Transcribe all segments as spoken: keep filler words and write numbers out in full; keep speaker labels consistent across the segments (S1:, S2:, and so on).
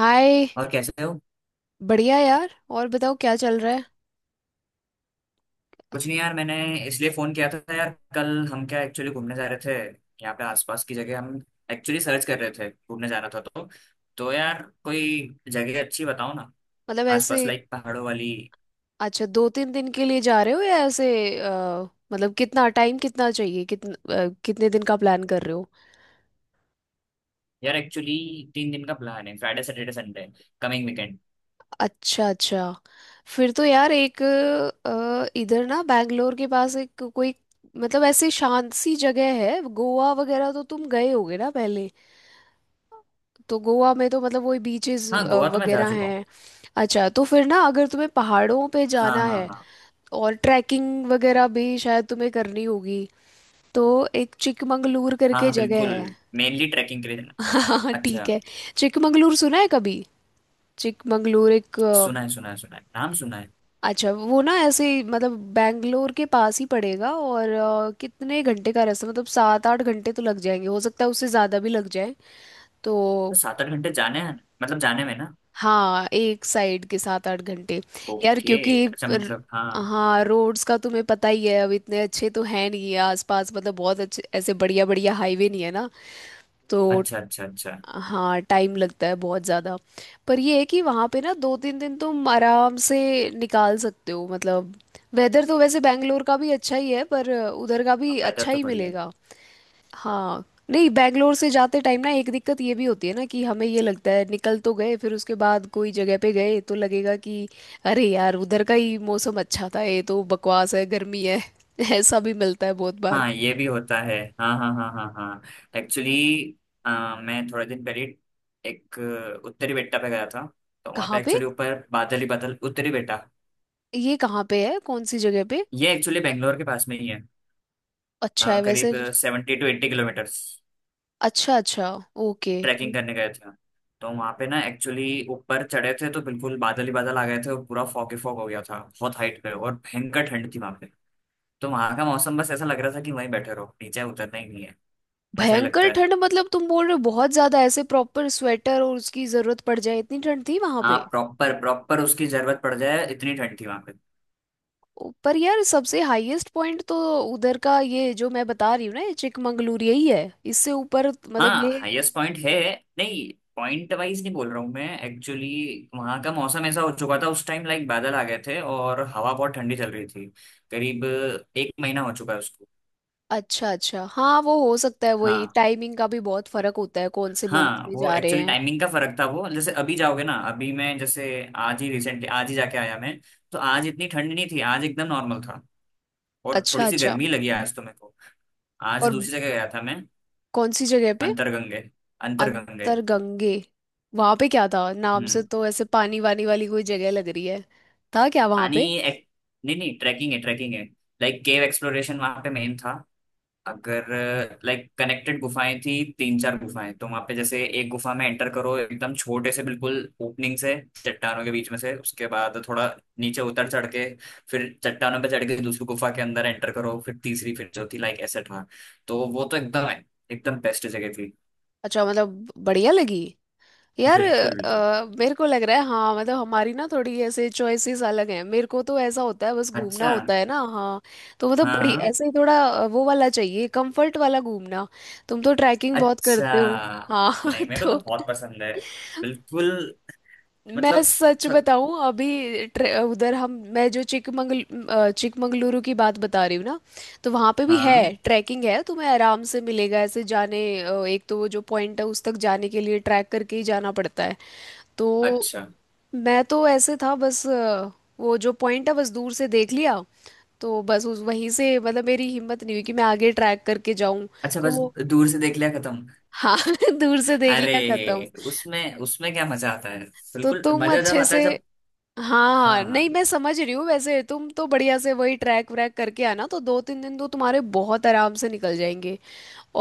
S1: हाय।
S2: और कैसे हो।
S1: बढ़िया यार, और बताओ क्या चल रहा है।
S2: कुछ नहीं यार, मैंने इसलिए फोन किया था। यार, कल हम क्या एक्चुअली घूमने जा रहे थे। यहाँ पे आसपास की जगह हम एक्चुअली सर्च कर रहे थे, घूमने जाना था। तो तो यार कोई जगह अच्छी बताओ ना,
S1: मतलब
S2: आसपास
S1: ऐसे?
S2: लाइक पहाड़ों वाली।
S1: अच्छा, दो तीन दिन के लिए जा रहे हो या ऐसे? अ, मतलब कितना टाइम, कितना चाहिए, कितना, कितने दिन का प्लान कर रहे हो?
S2: यार एक्चुअली तीन दिन का प्लान है, Friday Saturday Sunday, coming weekend.
S1: अच्छा अच्छा। फिर तो यार एक अ, इधर ना बैंगलोर के पास एक कोई, मतलब ऐसी शांत सी जगह है। गोवा वगैरह तो तुम गए होगे ना पहले, तो गोवा में तो मतलब वही बीचेस
S2: हाँ, गोवा तो मैं जा
S1: वगैरह
S2: चुका हूँ।
S1: हैं। अच्छा तो फिर ना, अगर तुम्हें पहाड़ों पे
S2: हाँ
S1: जाना
S2: हाँ
S1: है
S2: हाँ
S1: और ट्रैकिंग वगैरह भी शायद तुम्हें करनी होगी, तो एक चिकमंगलूर
S2: हाँ
S1: करके
S2: हाँ,
S1: जगह
S2: बिल्कुल।
S1: है।
S2: मेनली ट्रैकिंग के लिए जाना।
S1: हाँ ठीक
S2: अच्छा।
S1: है। चिकमंगलूर सुना है कभी? चिकमंगलूर एक अ,
S2: सुना है सुना है सुना है, नाम सुना है।
S1: अच्छा वो ना ऐसे ही, मतलब बैंगलोर के पास ही पड़ेगा। और अ, कितने घंटे का रास्ता, मतलब सात आठ घंटे तो लग जाएंगे, हो सकता है उससे ज़्यादा भी लग जाए। तो
S2: तो सात आठ घंटे जाने हैं, मतलब जाने में ना।
S1: हाँ, एक साइड के सात आठ घंटे। यार
S2: ओके,
S1: क्योंकि
S2: अच्छा,
S1: र-
S2: मतलब हाँ।
S1: हाँ, रोड्स का तुम्हें पता ही है, अब इतने अच्छे तो हैं नहीं है आसपास, मतलब बहुत अच्छे ऐसे बढ़िया बढ़िया हाईवे नहीं है ना। तो
S2: अच्छा अच्छा अच्छा।
S1: हाँ, टाइम लगता है बहुत ज़्यादा। पर ये है कि वहाँ पे ना दो तीन दिन तुम आराम से निकाल सकते हो। मतलब वेदर तो वैसे बैंगलोर का भी अच्छा ही है, पर उधर का भी
S2: वेदर
S1: अच्छा
S2: तो
S1: ही
S2: बढ़िया है।
S1: मिलेगा। हाँ, नहीं बैंगलोर से जाते टाइम ना एक दिक्कत ये भी होती है ना, कि हमें ये लगता है निकल तो गए, फिर उसके बाद कोई जगह पे गए तो लगेगा कि अरे यार उधर का ही मौसम अच्छा था, ये तो बकवास है, गर्मी है। ऐसा भी मिलता है बहुत बार।
S2: हाँ ये भी होता है। हाँ हाँ हाँ हाँ हाँ। एक्चुअली मैं थोड़े दिन पहले एक अ, उत्तरी बेट्टा पे गया था। तो वहाँ पे
S1: कहाँ पे?
S2: एक्चुअली ऊपर बादल ही बादल, उत्तरी बेट्टा।
S1: ये कहाँ पे है, कौन सी जगह पे?
S2: ये एक्चुअली बेंगलोर के पास में ही है। अ,
S1: अच्छा है
S2: करीब
S1: वैसे।
S2: Seventy two eighty kilometres.
S1: अच्छा अच्छा, ओके।
S2: ट्रैकिंग करने गए थे। तो वहाँ पे ना एक्चुअली ऊपर चढ़े थे तो बिल्कुल बादल ही बादल आ गए थे, और पूरा फॉग ही फॉग हो गया था, बहुत हाइट पे, और भयंकर ठंड थी वहाँ पे। तो वहाँ का मौसम, बस ऐसा लग रहा था कि वहीं बैठे रहो, नीचे उतरना ही नहीं है। ऐसा ही
S1: भयंकर
S2: लगता है।
S1: ठंड मतलब तुम बोल रहे हो बहुत ज्यादा, ऐसे प्रॉपर स्वेटर और उसकी जरूरत पड़ जाए, इतनी ठंड थी वहां
S2: हाँ
S1: पे?
S2: प्रॉपर प्रॉपर, उसकी जरूरत पड़ जाए इतनी ठंड थी वहां पे।
S1: ओ, पर यार सबसे हाईएस्ट पॉइंट तो उधर का ये जो मैं बता रही हूँ ना, ये चिकमंगलूर यही है, इससे ऊपर मतलब
S2: हाँ
S1: ये।
S2: हाईएस्ट पॉइंट है। नहीं, पॉइंट वाइज नहीं बोल रहा हूँ मैं। एक्चुअली वहाँ का मौसम ऐसा हो चुका था उस टाइम, लाइक बादल आ गए थे और हवा बहुत ठंडी चल रही थी। करीब एक महीना हो चुका है उसको।
S1: अच्छा अच्छा, हाँ वो हो सकता है, वही
S2: हाँ।
S1: टाइमिंग का भी बहुत फर्क होता है, कौन से मंथ
S2: हाँ
S1: में
S2: वो
S1: जा रहे
S2: एक्चुअली
S1: हैं।
S2: टाइमिंग का फर्क था। वो जैसे अभी जाओगे ना, अभी मैं जैसे आज ही रिसेंटली, आज ही जाके आया मैं। तो आज इतनी ठंड नहीं थी, आज एकदम नॉर्मल था। और
S1: अच्छा
S2: थोड़ी सी
S1: अच्छा।
S2: गर्मी लगी आज तो मेरे को। आज
S1: और
S2: दूसरी जगह गया था मैं।
S1: कौन सी जगह पे?
S2: अंतरगंगे। अंतरगंगे।
S1: अंतरगंगे। वहां पे क्या था? नाम से
S2: हम्म।
S1: तो ऐसे पानी वानी वाली कोई जगह लग रही है। था क्या वहां
S2: पानी
S1: पे?
S2: एक, नहीं नहीं, ट्रैकिंग है ट्रैकिंग है। लाइक केव एक्सप्लोरेशन वहां पे मेन था। अगर, लाइक कनेक्टेड गुफाएं थी। तीन चार गुफाएं। तो वहां पे जैसे एक गुफा में एंटर करो, एकदम छोटे से बिल्कुल ओपनिंग से, चट्टानों के बीच में से, उसके बाद थोड़ा नीचे उतर चढ़ के, फिर चट्टानों पे चढ़ के दूसरी गुफा के अंदर एंटर करो, फिर तीसरी, फिर चौथी, लाइक ऐसे था। तो वो तो एकदम है, एकदम बेस्ट जगह थी।
S1: अच्छा, मतलब बढ़िया लगी। यार
S2: बिल्कुल बिल्कुल।
S1: अ, मेरे को लग रहा है, हाँ मतलब हमारी ना थोड़ी ऐसे चॉइसेस अलग हैं। मेरे को तो ऐसा होता है, बस घूमना
S2: अच्छा।
S1: होता है ना। हाँ तो मतलब
S2: हाँ
S1: बड़ी
S2: हाँ।
S1: ऐसे ही थोड़ा अ, वो वाला चाहिए, कंफर्ट वाला घूमना। तुम तो ट्रैकिंग बहुत करते हो।
S2: अच्छा।
S1: हाँ
S2: नहीं, मेरे को
S1: तो
S2: तो बहुत पसंद है, बिल्कुल।
S1: मैं
S2: मतलब,
S1: सच
S2: थक,
S1: बताऊं, अभी ट्रे- उधर हम, मैं जो चिकमंगल अ, चिकमंगलुरु की बात बता रही हूँ ना, तो वहाँ पे भी है
S2: हाँ।
S1: ट्रैकिंग, है तुम्हें आराम से मिलेगा। ऐसे जाने अ, एक तो वो जो पॉइंट है उस तक जाने के लिए ट्रैक करके ही जाना पड़ता है। तो
S2: अच्छा
S1: मैं तो ऐसे था बस अ, वो जो पॉइंट है बस दूर से देख लिया, तो बस उस वहीं से, मतलब मेरी हिम्मत नहीं हुई कि मैं आगे ट्रैक करके जाऊं।
S2: अच्छा। बस
S1: तो
S2: दूर से देख लिया, खत्म।
S1: हाँ दूर से देख लिया, खत्म।
S2: अरे उसमें उसमें क्या मजा आता है।
S1: तो
S2: बिल्कुल,
S1: तुम
S2: मजा जब
S1: अच्छे
S2: आता है
S1: से,
S2: जब।
S1: हाँ हाँ नहीं
S2: हाँ,
S1: मैं समझ रही हूँ, वैसे तुम तो बढ़िया से वही ट्रैक व्रैक करके आना, तो दो तीन दिन तो तुम्हारे बहुत आराम से निकल जाएंगे।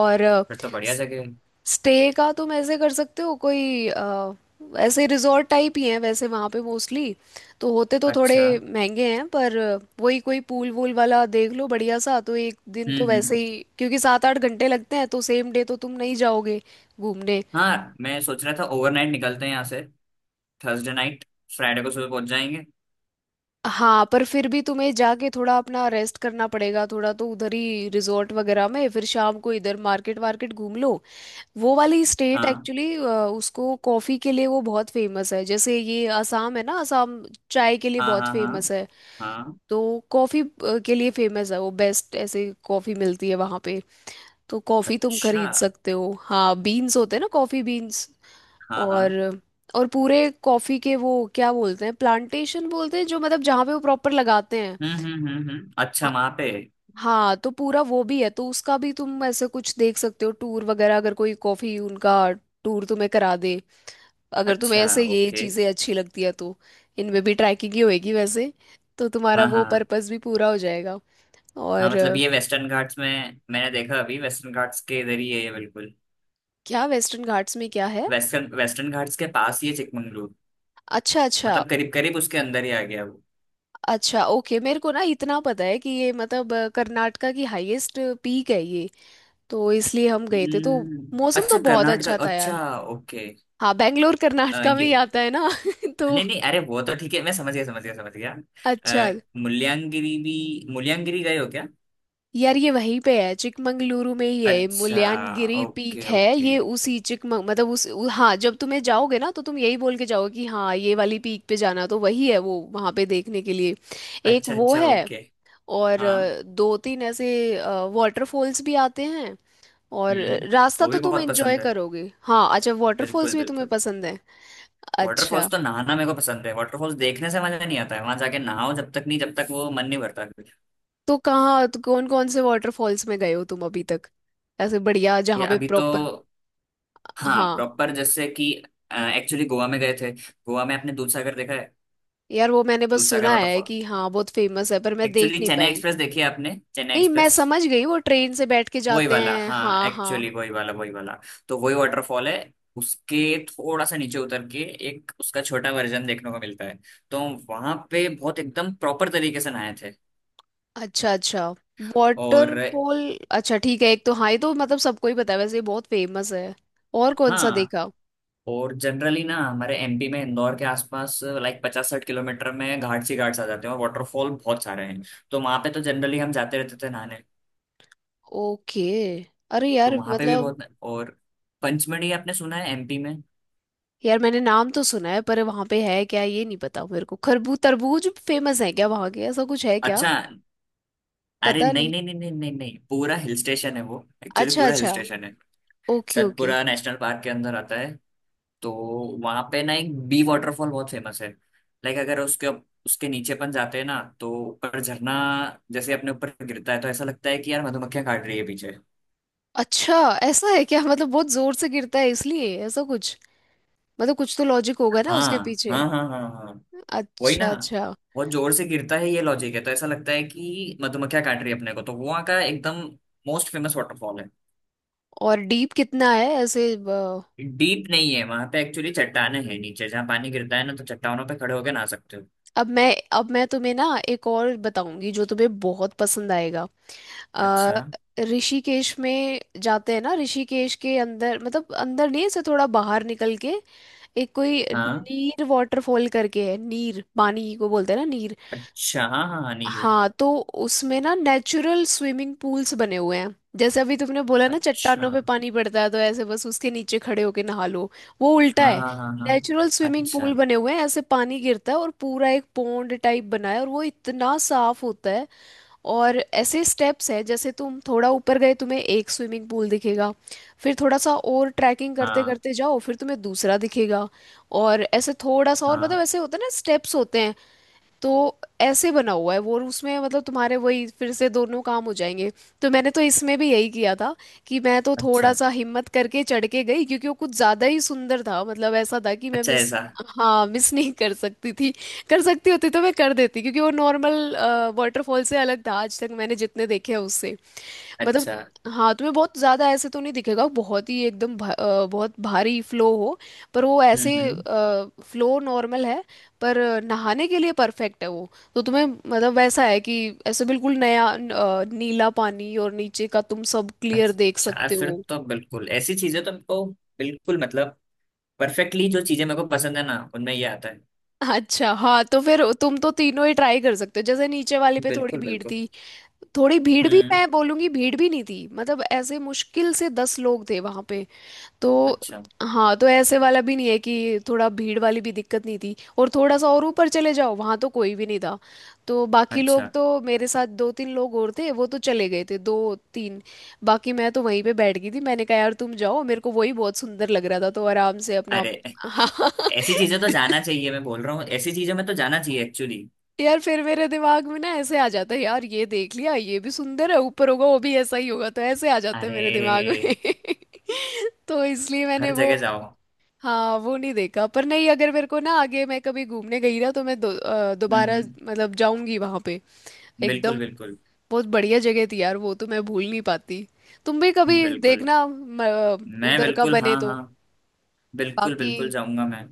S1: और
S2: फिर तो बढ़िया जगह है।
S1: स्टे का तुम ऐसे कर सकते हो कोई अ, ऐसे रिजॉर्ट टाइप ही हैं वैसे वहाँ पे मोस्टली, तो होते तो थोड़े
S2: अच्छा।
S1: महंगे हैं पर वही कोई पूल वूल वाला देख लो बढ़िया सा। तो एक दिन तो
S2: हम्म
S1: वैसे
S2: हम्म।
S1: ही, क्योंकि सात आठ घंटे लगते हैं, तो सेम डे तो तुम नहीं जाओगे घूमने।
S2: हाँ मैं सोच रहा था ओवरनाइट निकलते हैं यहाँ से, थर्सडे नाइट, फ्राइडे को सुबह पहुंच जाएंगे।
S1: हाँ, पर फिर भी तुम्हें जाके थोड़ा अपना रेस्ट करना पड़ेगा थोड़ा, तो उधर ही रिजॉर्ट वगैरह में, फिर शाम को इधर मार्केट वार्केट घूम लो। वो वाली स्टेट
S2: हाँ
S1: एक्चुअली उसको कॉफी के लिए वो बहुत फेमस है, जैसे ये असम है ना, असम चाय के लिए
S2: हाँ
S1: बहुत
S2: हाँ हाँ
S1: फेमस है,
S2: हाँ।
S1: तो कॉफी अ, के लिए फेमस है वो, बेस्ट ऐसे कॉफी मिलती है वहां पे। तो कॉफी तुम
S2: अच्छा।
S1: खरीद सकते हो, हाँ बीन्स होते हैं ना, कॉफी बीन्स।
S2: हाँ
S1: और
S2: हाँ।
S1: और पूरे कॉफी के वो क्या बोलते हैं, प्लांटेशन बोलते हैं, जो मतलब जहाँ पे वो प्रॉपर लगाते हैं।
S2: हम्म हम्म हम्म हम्म। अच्छा
S1: हाँ,
S2: वहाँ पे।
S1: हाँ तो पूरा वो भी है, तो उसका भी तुम ऐसे कुछ देख सकते हो, टूर वगैरह, अगर कोई कॉफी उनका टूर तुम्हें करा दे, अगर तुम्हें
S2: अच्छा,
S1: ऐसे ये
S2: ओके।
S1: चीज़ें अच्छी लगती है तो। इनमें भी ट्रैकिंग ही होएगी वैसे, तो तुम्हारा
S2: हाँ हाँ
S1: वो
S2: हाँ
S1: पर्पस भी पूरा हो जाएगा।
S2: हाँ।
S1: और
S2: मतलब
S1: अ,
S2: ये वेस्टर्न घाट्स में, मैंने देखा अभी वेस्टर्न घाट्स के इधर ही है ये बिल्कुल।
S1: क्या वेस्टर्न घाट्स में क्या है?
S2: वेस्टर्न वेस्टर्न घाट्स के पास ही है चिकमंगलूर।
S1: अच्छा अच्छा
S2: मतलब करीब करीब उसके अंदर ही आ गया वो।
S1: अच्छा, ओके। मेरे को ना इतना पता है कि ये मतलब अ, कर्नाटका की हाईएस्ट पीक है ये, तो इसलिए हम गए थे। तो
S2: हम्म,
S1: मौसम तो
S2: अच्छा,
S1: बहुत
S2: कर्नाटक,
S1: अच्छा था
S2: अच्छा।
S1: यार।
S2: ओके।
S1: हाँ बेंगलोर
S2: अ,
S1: कर्नाटका में ही
S2: ये,
S1: आता है ना। तो
S2: नहीं नहीं, अरे वो तो ठीक है, मैं समझ गया समझ गया समझ गया।
S1: अच्छा
S2: अ, मुल्यांगिरी भी, मुल्यांगिरी गए हो क्या?
S1: यार, ये वहीं पे है, चिकमंगलुरु में ही है,
S2: अच्छा।
S1: मुल्यानगिरी पीक
S2: ओके
S1: है
S2: ओके।
S1: ये, उसी चिकमंग मतलब उस उ, हाँ जब तुम्हें जाओगे ना तो तुम यही बोल के जाओगे कि हाँ ये वाली पीक पे जाना, तो वही है वो वहाँ पे देखने के लिए। एक
S2: अच्छा
S1: वो
S2: अच्छा,
S1: है,
S2: ओके।
S1: और
S2: हाँ।
S1: अ, दो तीन ऐसे वाटरफॉल्स भी आते हैं, और अ,
S2: हम्म।
S1: रास्ता
S2: वो
S1: तो
S2: भी
S1: तुम
S2: बहुत
S1: एंजॉय
S2: पसंद है।
S1: करोगे। हाँ अच्छा, वाटरफॉल्स
S2: बिल्कुल
S1: भी तुम्हें
S2: बिल्कुल।
S1: पसंद है?
S2: वाटरफॉल्स
S1: अच्छा
S2: तो नहाना मेरे को पसंद है, वाटरफॉल्स देखने से मजा नहीं आता है। वहां जाके नहाओ, जब तक नहीं, जब तक वो मन नहीं भरता, फिर।
S1: तो कहाँ तो, कौन कौन से वाटरफॉल्स में गए हो तुम अभी तक? ऐसे बढ़िया
S2: ये
S1: जहाँ पे
S2: अभी तो,
S1: प्रॉपर।
S2: हाँ
S1: हाँ
S2: प्रॉपर जैसे कि, एक्चुअली गोवा में गए थे। गोवा में आपने दूधसागर देखा है?
S1: यार वो मैंने बस
S2: दूधसागर
S1: सुना है
S2: वाटरफॉल।
S1: कि हाँ बहुत फेमस है, पर मैं देख
S2: एक्चुअली
S1: नहीं
S2: चेन्नई
S1: पाई।
S2: एक्सप्रेस देखी है आपने? चेन्नई
S1: नहीं मैं
S2: एक्सप्रेस।
S1: समझ गई, वो ट्रेन से बैठ के
S2: वही
S1: जाते
S2: वाला,
S1: हैं,
S2: हाँ
S1: हाँ हाँ।
S2: एक्चुअली वही वाला वही वाला। तो वही वाटरफॉल है। उसके थोड़ा सा नीचे उतर के एक उसका छोटा वर्जन देखने को मिलता है। तो वहां पे बहुत एकदम प्रॉपर तरीके से नहाए थे।
S1: अच्छा अच्छा,
S2: और,
S1: वाटरफॉल। अच्छा ठीक है, एक तो हाँ ये तो मतलब सबको ही पता है वैसे, ये बहुत फेमस है। और कौन सा
S2: हाँ।
S1: देखा?
S2: और जनरली ना हमारे एमपी में इंदौर के आसपास लाइक पचास साठ किलोमीटर में घाट्स ही घाट्स आ जाते हैं, और वाटरफॉल बहुत सारे हैं। तो वहां पे तो जनरली हम जाते रहते थे नहाने।
S1: ओके। अरे
S2: तो
S1: यार
S2: वहां पे भी
S1: मतलब,
S2: बहुत। और पंचमढ़ी आपने सुना है, एमपी में?
S1: यार मैंने नाम तो सुना है पर वहां पे है क्या ये नहीं पता मेरे को, खरबूज तरबूज फेमस है क्या वहां के, ऐसा कुछ है क्या?
S2: अच्छा, अरे
S1: पता
S2: नहीं
S1: नहीं।
S2: नहीं नहीं नहीं नहीं नहीं, पूरा हिल स्टेशन है वो, एक्चुअली
S1: अच्छा
S2: पूरा हिल
S1: अच्छा,
S2: स्टेशन है।
S1: Okay okay.
S2: Satpura national park के अंदर आता है। तो वहां पे ना एक बी वाटरफॉल बहुत फेमस है। लाइक अगर उसके, उसके नीचे अपन जाते हैं ना, तो ऊपर झरना जैसे अपने ऊपर गिरता है तो ऐसा लगता है कि यार मधुमक्खियां काट रही है पीछे।
S1: अच्छा ऐसा है क्या, मतलब बहुत जोर से गिरता है इसलिए ऐसा कुछ, मतलब कुछ तो लॉजिक होगा ना उसके
S2: हाँ
S1: पीछे।
S2: हाँ हाँ हाँ हाँ। वही ना,
S1: अच्छा अच्छा।
S2: बहुत जोर से गिरता है, ये लॉजिक है। तो ऐसा लगता है कि मधुमक्खियां काट रही है अपने को। तो वहाँ का एकदम मोस्ट फेमस वाटरफॉल है।
S1: और डीप कितना है ऐसे अ,
S2: डीप नहीं है वहां पे, एक्चुअली चट्टाने हैं नीचे जहाँ पानी गिरता है ना, तो चट्टानों पे खड़े होके नहा सकते हो।
S1: अब मैं अब मैं तुम्हें ना एक और बताऊंगी जो तुम्हें बहुत पसंद आएगा। अ,
S2: अच्छा।
S1: ऋषिकेश में जाते हैं ना, ऋषिकेश के अंदर, मतलब अंदर नहीं ऐसे थोड़ा बाहर निकल के, एक कोई
S2: हाँ।
S1: नीर वाटरफॉल करके है, नीर पानी को बोलते हैं ना, नीर।
S2: अच्छा हाँ हाँ हाँ, नील।
S1: हाँ तो उसमें ना नेचुरल स्विमिंग पूल्स बने हुए हैं। जैसे अभी तुमने बोला ना
S2: अच्छा
S1: चट्टानों पे पानी पड़ता है तो ऐसे बस उसके नीचे खड़े होके नहा लो, वो उल्टा
S2: हाँ
S1: है।
S2: हाँ हाँ। हाँ,
S1: नेचुरल स्विमिंग
S2: अच्छा।
S1: पूल बने हुए हैं, ऐसे पानी गिरता है और पूरा एक पॉन्ड टाइप बना है, और वो इतना साफ होता है। और ऐसे स्टेप्स है, जैसे तुम थोड़ा ऊपर गए तुम्हें एक स्विमिंग पूल दिखेगा, फिर थोड़ा सा और ट्रैकिंग करते
S2: हाँ
S1: करते जाओ फिर तुम्हें दूसरा दिखेगा, और ऐसे थोड़ा सा और, मतलब
S2: हाँ।
S1: ऐसे होता है ना स्टेप्स होते हैं। तो ऐसे बना हुआ है वो, और उसमें मतलब तुम्हारे वही फिर से दोनों काम हो जाएंगे। तो मैंने तो इसमें भी यही किया था कि मैं तो थोड़ा
S2: अच्छा,
S1: सा हिम्मत करके चढ़ के गई, क्योंकि वो कुछ ज्यादा ही सुंदर था, मतलब ऐसा था कि मैं
S2: अच्छा,
S1: मिस,
S2: ऐसा।
S1: हाँ मिस नहीं कर सकती थी। कर सकती होती तो मैं कर देती, क्योंकि वो नॉर्मल वाटरफॉल से अलग था आज तक मैंने जितने देखे हैं उससे। मतलब
S2: अच्छा।
S1: हाँ तुम्हें बहुत ज़्यादा ऐसे तो नहीं दिखेगा बहुत ही एकदम भा, अ, बहुत भारी फ्लो हो, पर वो ऐसे
S2: हम्म हम्म।
S1: फ्लो नॉर्मल है, पर नहाने के लिए परफेक्ट है वो। तो तुम्हें मतलब वैसा है कि ऐसे बिल्कुल नया अ, नीला पानी और नीचे का तुम सब क्लियर देख
S2: अच्छा यार,
S1: सकते
S2: फिर
S1: हो।
S2: तो बिल्कुल ऐसी चीजें तो हमको, बिल्कुल। मतलब परफेक्टली जो चीजें मेरे को पसंद है ना उनमें ये आता है।
S1: अच्छा हाँ तो फिर तुम तो तीनों ही ट्राई कर सकते हो। जैसे नीचे वाले पे थोड़ी
S2: बिल्कुल
S1: भीड़
S2: बिल्कुल।
S1: थी, थोड़ी भीड़ भी,
S2: हम्म।
S1: मैं बोलूंगी भीड़ भी नहीं थी, मतलब ऐसे मुश्किल से दस लोग थे वहां पे। तो
S2: अच्छा।
S1: हाँ, तो ऐसे वाला भी नहीं है कि थोड़ा, भीड़ वाली भी दिक्कत नहीं थी। और थोड़ा सा और ऊपर चले जाओ वहाँ तो कोई भी नहीं था। तो बाकी लोग
S2: अच्छा।
S1: तो मेरे साथ दो तीन लोग और थे वो तो चले गए थे, दो तीन बाकी। मैं तो वहीं पे बैठ गई थी, मैंने कहा यार तुम जाओ, मेरे को वही बहुत सुंदर लग रहा था तो आराम से अपना।
S2: अरे
S1: हाँ
S2: ऐसी चीजें तो जाना चाहिए, मैं बोल रहा हूँ, ऐसी चीजों में तो जाना चाहिए एक्चुअली।
S1: यार फिर मेरे दिमाग में ना ऐसे आ जाता है, यार ये देख लिया, ये भी सुंदर है, ऊपर होगा वो भी ऐसा ही होगा, तो ऐसे आ जाते हैं मेरे दिमाग में।
S2: अरे,
S1: तो इसलिए मैंने
S2: हर
S1: वो
S2: जगह जाओ।
S1: हाँ वो नहीं देखा। पर नहीं, अगर मेरे को ना आगे मैं कभी घूमने गई ना, तो मैं दो- अ,
S2: हम्म
S1: दोबारा
S2: हम्म।
S1: मतलब जाऊंगी वहां पे
S2: बिल्कुल
S1: एकदम।
S2: बिल्कुल।
S1: बहुत बढ़िया जगह थी यार वो, तो मैं भूल नहीं पाती। तुम भी कभी
S2: बिल्कुल,
S1: देखना म-
S2: मैं
S1: उधर का
S2: बिल्कुल, हाँ
S1: बने तो।
S2: हाँ, बिल्कुल
S1: बाकी
S2: बिल्कुल जाऊंगा मैं।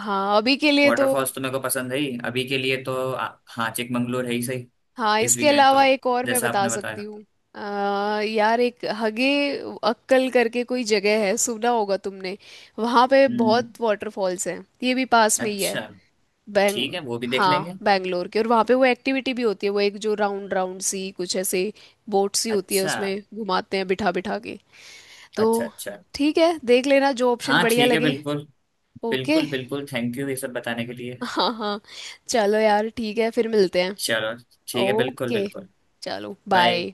S1: हाँ अभी के लिए तो,
S2: वाटरफॉल्स तो मेरे को पसंद है ही। अभी के लिए तो आ- हाँ, चिकमंगलूर है ही सही।
S1: हाँ
S2: इस
S1: इसके
S2: वीकेंड
S1: अलावा
S2: तो,
S1: एक और मैं
S2: जैसा
S1: बता
S2: आपने
S1: सकती
S2: बताया।
S1: हूँ। अ, यार एक हगे अक्कल करके कोई जगह है, सुना होगा तुमने, वहाँ पे
S2: हम्म।
S1: बहुत वाटरफॉल्स हैं, ये भी पास में ही है।
S2: अच्छा
S1: बैंग
S2: ठीक है, वो भी देख
S1: हाँ
S2: लेंगे।
S1: बैंगलोर के, और वहाँ पे वो एक्टिविटी भी होती है, वो एक जो राउंड राउंड सी कुछ ऐसे बोट सी होती है,
S2: अच्छा
S1: उसमें घुमाते हैं बिठा बिठा के। तो
S2: अच्छा। अच्छा,
S1: ठीक है देख लेना, जो ऑप्शन
S2: हाँ
S1: बढ़िया
S2: ठीक है,
S1: लगे।
S2: बिल्कुल
S1: ओके।
S2: बिल्कुल। बिल्कुल, थैंक यू ये सब बताने के लिए।
S1: हाँ हाँ। चलो यार, ठीक है फिर मिलते हैं।
S2: चलो, ठीक है, बिल्कुल
S1: ओके
S2: बिल्कुल।
S1: चलो,
S2: बाय।
S1: बाय।